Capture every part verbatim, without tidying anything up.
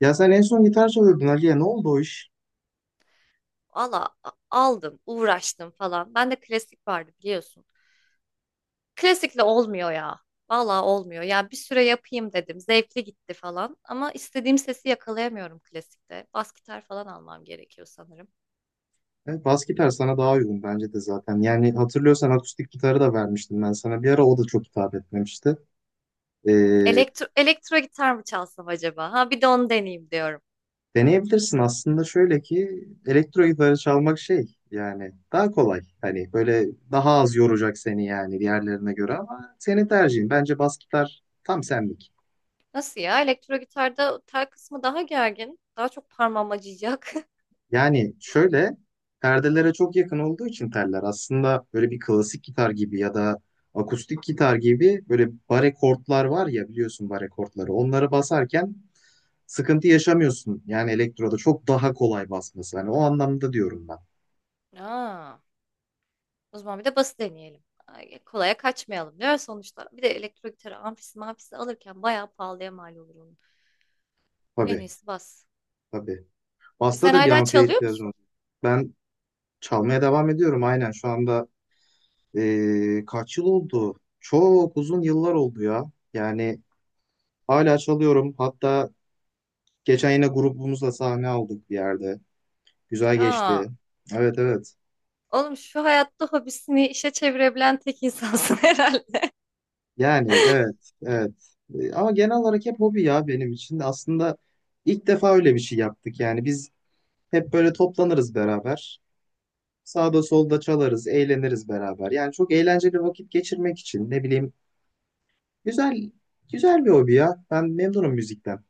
Ya sen en son gitar çalıyordun Ali'ye. Ne oldu o iş? Valla a- aldım, uğraştım falan. Bende klasik vardı biliyorsun. Klasikle olmuyor ya. Valla olmuyor. Ya bir süre yapayım dedim. Zevkli gitti falan. Ama istediğim sesi yakalayamıyorum klasikte. Bas gitar falan almam gerekiyor sanırım. E, bas gitar sana daha uygun bence de zaten. Yani hatırlıyorsan akustik gitarı da vermiştim ben sana. Bir ara o da çok hitap etmemişti. E, Hı. Elektro, elektro gitar mı çalsam acaba? Ha bir de onu deneyeyim diyorum. Deneyebilirsin aslında, şöyle ki elektro gitarı çalmak şey, yani daha kolay. Hani böyle daha az yoracak seni yani diğerlerine göre, ama senin tercihin. Bence bas gitar tam senlik. Nasıl ya? Elektro gitarda tel kısmı daha gergin. Daha çok parmağım acıyacak. Yani şöyle, perdelere çok yakın olduğu için teller, aslında böyle bir klasik gitar gibi ya da akustik gitar gibi, böyle bare kortlar var ya, biliyorsun bare kortları. Onları basarken sıkıntı yaşamıyorsun. Yani elektroda çok daha kolay basması. Hani o anlamda diyorum ben. Aa. O zaman bir de bası deneyelim. Ay, kolaya kaçmayalım diyor sonuçta. Bir de elektro gitarı amfisi mafisi alırken bayağı pahalıya mal olur onun. En Tabii, iyisi bas. tabii. E, Basta sen da bir hala amfiye çalıyor ihtiyacın musun? olacak. Ben çalmaya devam ediyorum aynen şu anda. eee, kaç yıl oldu? Çok uzun yıllar oldu ya. Yani hala çalıyorum. Hatta geçen yine grubumuzla sahne aldık bir yerde. Güzel Aa, geçti. Evet, evet. oğlum şu hayatta hobisini işe çevirebilen tek insansın herhalde. Yani evet, evet. E, Ama genel olarak hep hobi ya benim için. Aslında ilk defa öyle bir şey yaptık. Yani biz hep böyle toplanırız beraber. Sağda solda çalarız, eğleniriz beraber. Yani çok eğlenceli vakit geçirmek için, ne bileyim, güzel güzel bir hobi ya. Ben memnunum müzikten.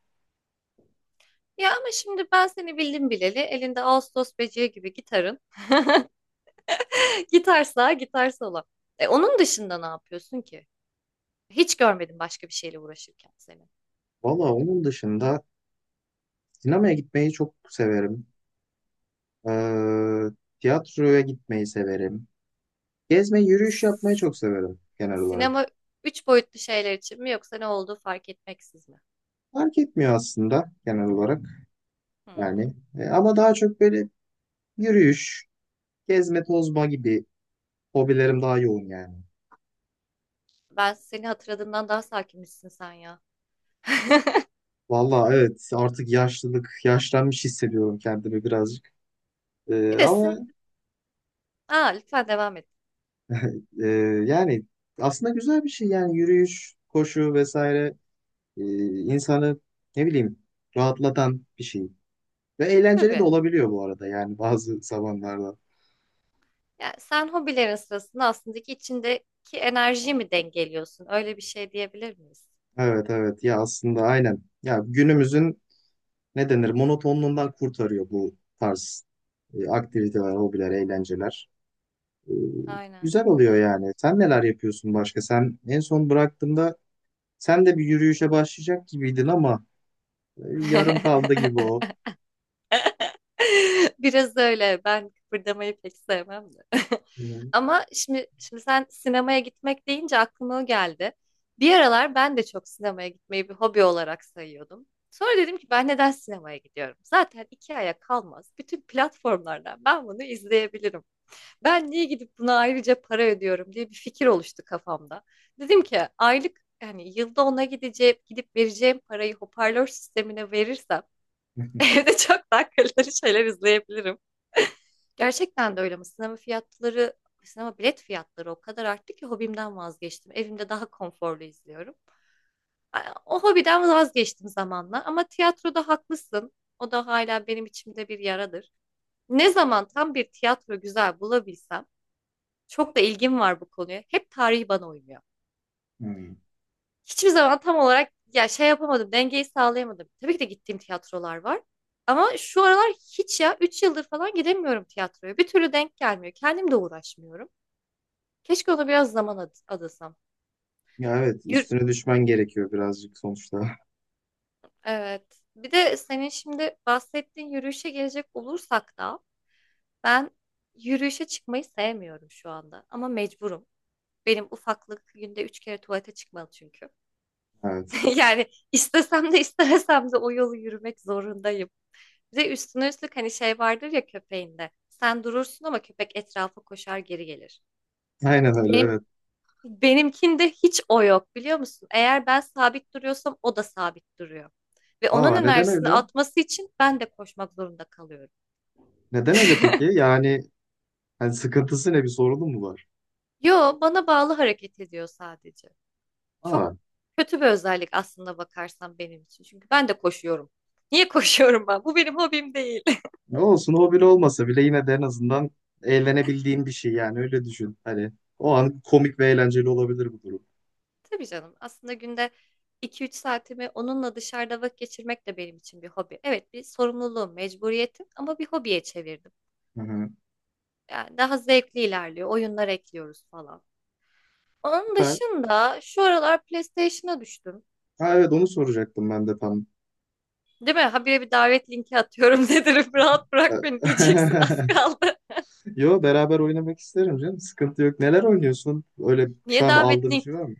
Ya ama şimdi ben seni bildim bileli elinde ağustos böceği gibi gitarın. Gitar sağa gitar sola. E, onun dışında ne yapıyorsun ki? Hiç görmedim başka bir şeyle uğraşırken seni. Valla, onun dışında sinemaya gitmeyi çok severim. Ee, tiyatroya gitmeyi severim. Gezme, yürüyüş yapmayı çok severim genel olarak. Sinema üç boyutlu şeyler için mi yoksa ne olduğu fark etmeksiz mi? Fark etmiyor aslında, genel olarak Hmm. yani. E, ama daha çok böyle yürüyüş, gezme, tozma gibi hobilerim daha yoğun yani. Ben seni hatırladığımdan daha sakinmişsin sen ya. Valla evet, artık yaşlılık, yaşlanmış hissediyorum kendimi birazcık. E, Bir de Ama sin... Aa, lütfen devam et. e, yani aslında güzel bir şey yani, yürüyüş, koşu vesaire e, insanı, ne bileyim, rahatlatan bir şey. Ve eğlenceli de Tabii. olabiliyor bu arada yani, bazı zamanlarda. Yani sen hobilerin sırasında aslında ki içindeki enerjiyi mi dengeliyorsun? Öyle bir şey diyebilir miyiz? Evet, evet ya, aslında aynen. Ya günümüzün, ne denir, monotonluğundan kurtarıyor bu tarz e, aktiviteler, hobiler, eğlenceler. E, Aynen. Güzel oluyor yani. Sen neler yapıyorsun başka? Sen en son bıraktığında sen de bir yürüyüşe başlayacak gibiydin ama e, yarım kaldı gibi o. Biraz öyle. Ben kıpırdamayı pek sevmem de. Hmm. Ama şimdi şimdi sen sinemaya gitmek deyince aklıma o geldi. Bir aralar ben de çok sinemaya gitmeyi bir hobi olarak sayıyordum. Sonra dedim ki ben neden sinemaya gidiyorum? Zaten iki aya kalmaz. Bütün platformlardan ben bunu izleyebilirim. Ben niye gidip buna ayrıca para ödüyorum diye bir fikir oluştu kafamda. Dedim ki aylık yani yılda ona gideceğim, gidip vereceğim parayı hoparlör sistemine verirsem evde çok daha kaliteli şeyler izleyebilirim. Gerçekten de öyle ama sinema fiyatları, sinema bilet fiyatları o kadar arttı ki hobimden vazgeçtim. Evimde daha konforlu izliyorum. A- O hobiden vazgeçtim zamanla ama tiyatroda haklısın. O da hala benim içimde bir yaradır. Ne zaman tam bir tiyatro güzel bulabilsem, çok da ilgim var bu konuya. Hep tarih bana uymuyor. Hmm. Hiçbir zaman tam olarak ya şey yapamadım, dengeyi sağlayamadım. Tabii ki de gittiğim tiyatrolar var. Ama şu aralar hiç ya üç yıldır falan gidemiyorum tiyatroya. Bir türlü denk gelmiyor. Kendim de uğraşmıyorum. Keşke ona biraz zaman ad- adasam. Ya evet, Yür- üstüne düşmen gerekiyor birazcık sonuçta. evet. Bir de senin şimdi bahsettiğin yürüyüşe gelecek olursak da ben yürüyüşe çıkmayı sevmiyorum şu anda ama mecburum. Benim ufaklık günde üç kere tuvalete çıkmalı çünkü. Evet. Yani istesem de istemesem de o yolu yürümek zorundayım. Bir de üstüne üstlük hani şey vardır ya köpeğinde. Sen durursun ama köpek etrafa koşar geri gelir. Aynen öyle, Benim evet. Benimkinde hiç o yok biliyor musun? Eğer ben sabit duruyorsam o da sabit duruyor. Ve onun Aa, neden enerjisini öyle? atması için ben de koşmak zorunda kalıyorum. Neden öyle peki? Yani, yani sıkıntısı ne, bir sorunu mu var? Yo, bana bağlı hareket ediyor sadece. Çok Aa. kötü bir özellik aslında bakarsan benim için. Çünkü ben de koşuyorum. Niye koşuyorum ben? Bu benim hobim değil. Ne olsun, o bile olmasa bile yine de en azından eğlenebildiğin bir şey, yani öyle düşün. Hani o an komik ve eğlenceli olabilir bu durum. Tabii canım. Aslında günde iki üç saatimi onunla dışarıda vakit geçirmek de benim için bir hobi. Evet, bir sorumluluğum, mecburiyetim ama bir hobiye çevirdim. Hı hı. Yani daha zevkli ilerliyor. Oyunlar ekliyoruz falan. Onun Süper. dışında şu aralar PlayStation'a düştüm. Ha evet, onu soracaktım ben de tam. Değil mi? Habire bir davet linki atıyorum dedim. Rahat bırak beni diyeceksin az kaldı. Yo, beraber oynamak isterim canım. Sıkıntı yok. Neler oynuyorsun? Öyle şu Niye an davet aldığım bir link, şey var mı?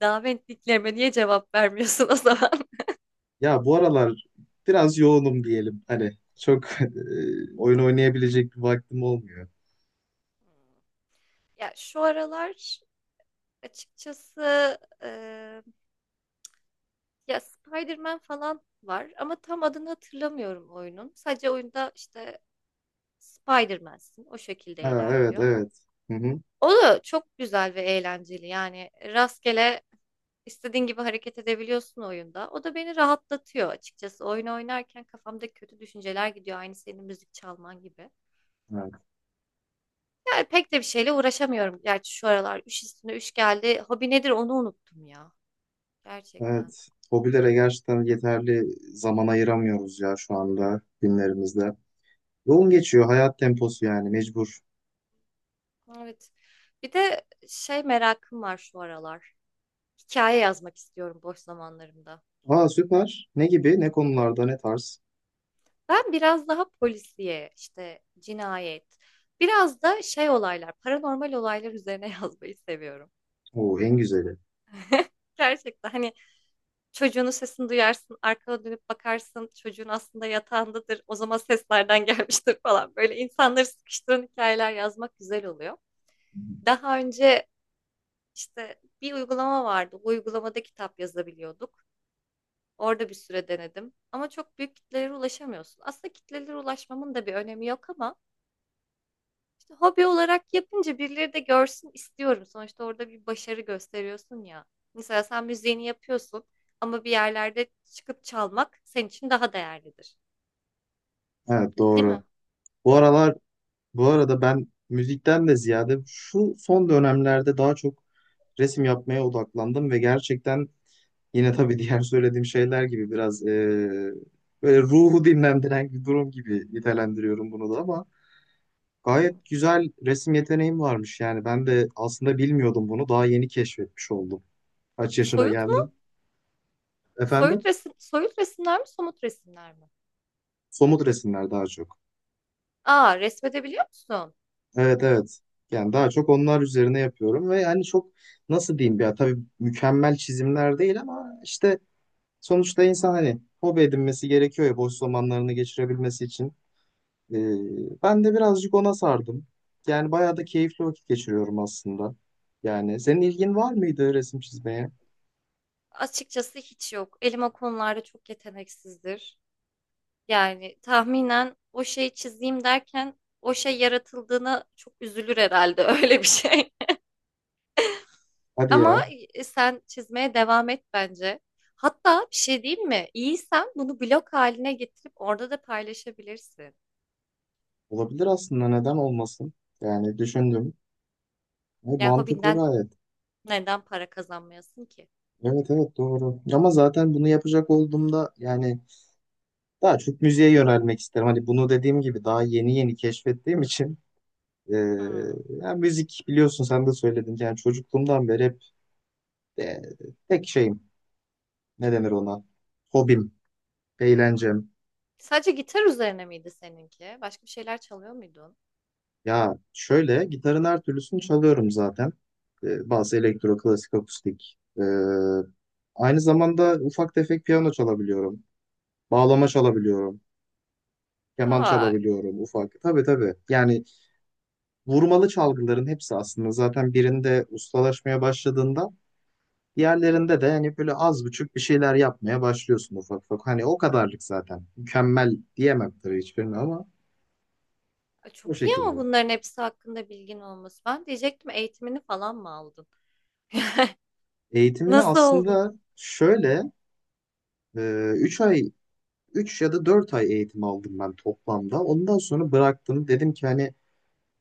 davet linklerime niye cevap vermiyorsun o zaman? Ya bu aralar biraz yoğunum diyelim. Hani çok e, oyun oynayabilecek bir vaktim olmuyor. Ya şu aralar açıkçası eee, ya Spider-Man falan var ama tam adını hatırlamıyorum oyunun. Sadece oyunda işte Spider-Man'sin o şekilde Ha, evet ilerliyor. evet. Hı O da çok güzel ve eğlenceli yani rastgele İstediğin gibi hareket edebiliyorsun oyunda. O da beni rahatlatıyor açıkçası. Oyun oynarken kafamda kötü düşünceler gidiyor. Aynı senin müzik çalman gibi. hı. Yani pek de bir şeyle uğraşamıyorum. Gerçi şu aralar üç üstüne üç geldi. Hobi nedir onu unuttum ya. Gerçekten. Evet. Hobilere gerçekten yeterli zaman ayıramıyoruz ya şu anda, günlerimizde. Yoğun geçiyor hayat temposu, yani mecbur. Evet. Bir de şey merakım var şu aralar. Hikaye yazmak istiyorum boş zamanlarımda. Aa süper. Ne gibi? Ne konularda? Ne tarz? Ben biraz daha polisiye, işte cinayet, biraz da şey olaylar, paranormal olaylar üzerine yazmayı seviyorum. Oo, en güzeli. Gerçekten hani çocuğunun sesini duyarsın, arkana dönüp bakarsın, çocuğun aslında yatağındadır, o zaman seslerden gelmiştir falan. Böyle insanları sıkıştıran hikayeler yazmak güzel oluyor. Daha önce işte bir uygulama vardı, bu uygulamada kitap yazabiliyorduk. Orada bir süre denedim ama çok büyük kitlelere ulaşamıyorsun. Aslında kitlelere ulaşmamın da bir önemi yok ama İşte hobi olarak yapınca birileri de görsün istiyorum. Sonuçta orada bir başarı gösteriyorsun ya. Mesela sen müziğini yapıyorsun ama bir yerlerde çıkıp çalmak senin için daha değerlidir. Evet Değil doğru. mi? Bu aralar, bu arada ben müzikten de ziyade şu son dönemlerde daha çok resim yapmaya odaklandım ve gerçekten, yine tabii diğer söylediğim şeyler gibi biraz eee, böyle ruhu dinlendiren bir durum gibi nitelendiriyorum bunu da, ama Hmm. gayet güzel resim yeteneğim varmış yani. Ben de aslında bilmiyordum bunu. Daha yeni keşfetmiş oldum. Kaç yaşına Soyut mu? geldim. Soyut Efendim? resim, soyut resimler mi, somut resimler mi? Somut resimler daha çok. Aa, resmedebiliyor musun? Evet evet. Yani daha çok onlar üzerine yapıyorum ve yani çok, nasıl diyeyim, ya tabii mükemmel çizimler değil ama işte, sonuçta insan hani hobi edinmesi gerekiyor ya, boş zamanlarını geçirebilmesi için. Ee, ben de birazcık ona sardım. Yani bayağı da keyifli vakit geçiriyorum aslında. Yani senin ilgin var mıydı resim çizmeye? Açıkçası hiç yok. Elim o konularda çok yeteneksizdir. Yani tahminen o şeyi çizeyim derken o şey yaratıldığına çok üzülür herhalde öyle bir şey. Hadi Ama ya. e, sen çizmeye devam et bence. Hatta bir şey diyeyim mi? İyiysen bunu blog haline getirip orada da paylaşabilirsin. Olabilir aslında, neden olmasın? Yani düşündüm. E, Yani mantıklı hobinden gayet. neden para kazanmayasın ki? Evet evet, doğru. Ama zaten bunu yapacak olduğumda yani daha çok müziğe yönelmek isterim. Hani bunu dediğim gibi daha yeni yeni keşfettiğim için e, Hmm. yani müzik, biliyorsun sen de söyledin. Yani çocukluğumdan beri hep e, tek şeyim, ne denir ona? Hobim, eğlencem. Sadece gitar üzerine miydi seninki? Başka bir şeyler çalıyor muydun? Ya şöyle, gitarın her türlüsünü çalıyorum zaten. Ee, bazı elektro, klasik, akustik. Ee, aynı zamanda ufak tefek piyano çalabiliyorum. Bağlama çalabiliyorum. Keman Ay. çalabiliyorum ufak. Tabii, tabii. Yani vurmalı çalgıların hepsi aslında, zaten birinde ustalaşmaya başladığında Hı hı. diğerlerinde de hani böyle az buçuk bir şeyler yapmaya başlıyorsun ufak ufak. Hani o kadarlık zaten. Mükemmel diyemem tabii hiçbirini, ama Ay, o çok iyi ama şekilde. bunların hepsi hakkında bilgin olması. Ben diyecektim eğitimini falan mı aldın? Eğitimini Nasıl oldu? aslında şöyle, e, üç ay Üç ya da dört ay eğitim aldım ben toplamda. Ondan sonra bıraktım. Dedim ki hani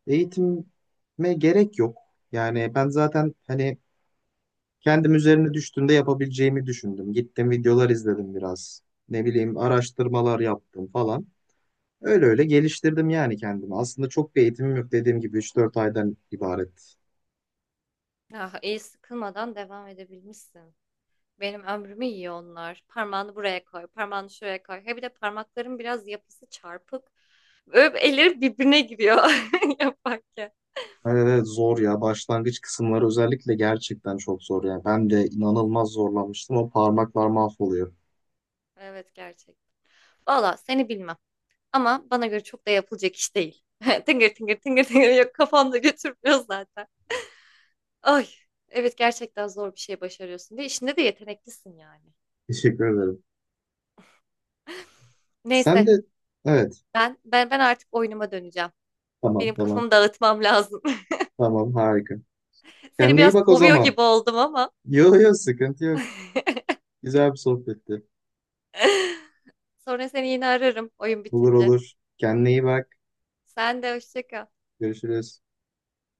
eğitime gerek yok. Yani ben zaten hani kendim üzerine düştüğümde yapabileceğimi düşündüm. Gittim videolar izledim biraz. Ne bileyim, araştırmalar yaptım falan. Öyle öyle geliştirdim yani kendimi. Aslında çok bir eğitimim yok, dediğim gibi üç dört aydan ibaret. Ah, iyi sıkılmadan devam edebilmişsin. Benim ömrümü yiyor onlar. Parmağını buraya koy, parmağını şuraya koy. He bir de parmakların biraz yapısı çarpık. Böyle elleri birbirine giriyor yaparken. Öyle de zor ya. Başlangıç kısımları özellikle gerçekten çok zor yani. Ben de inanılmaz zorlanmıştım. O parmaklar mahvoluyor. Evet gerçek. Valla seni bilmem. Ama bana göre çok da yapılacak iş değil. Tıngır tıngır tıngır tıngır yok kafamda götürmüyor zaten. Ay evet gerçekten zor bir şey başarıyorsun ve işinde de yeteneklisin yani. Teşekkür ederim. Sen Neyse de evet. ben ben ben artık oyunuma döneceğim. Tamam, Benim tamam. kafamı dağıtmam lazım. Tamam, harika. Seni Kendine iyi biraz bak o kovuyor zaman. gibi oldum ama. Yok yok, sıkıntı yok. Güzel bir sohbetti. Sonra seni yine ararım oyun Olur, bitince. olur. Kendine iyi bak. Sen de hoşça kal. Görüşürüz.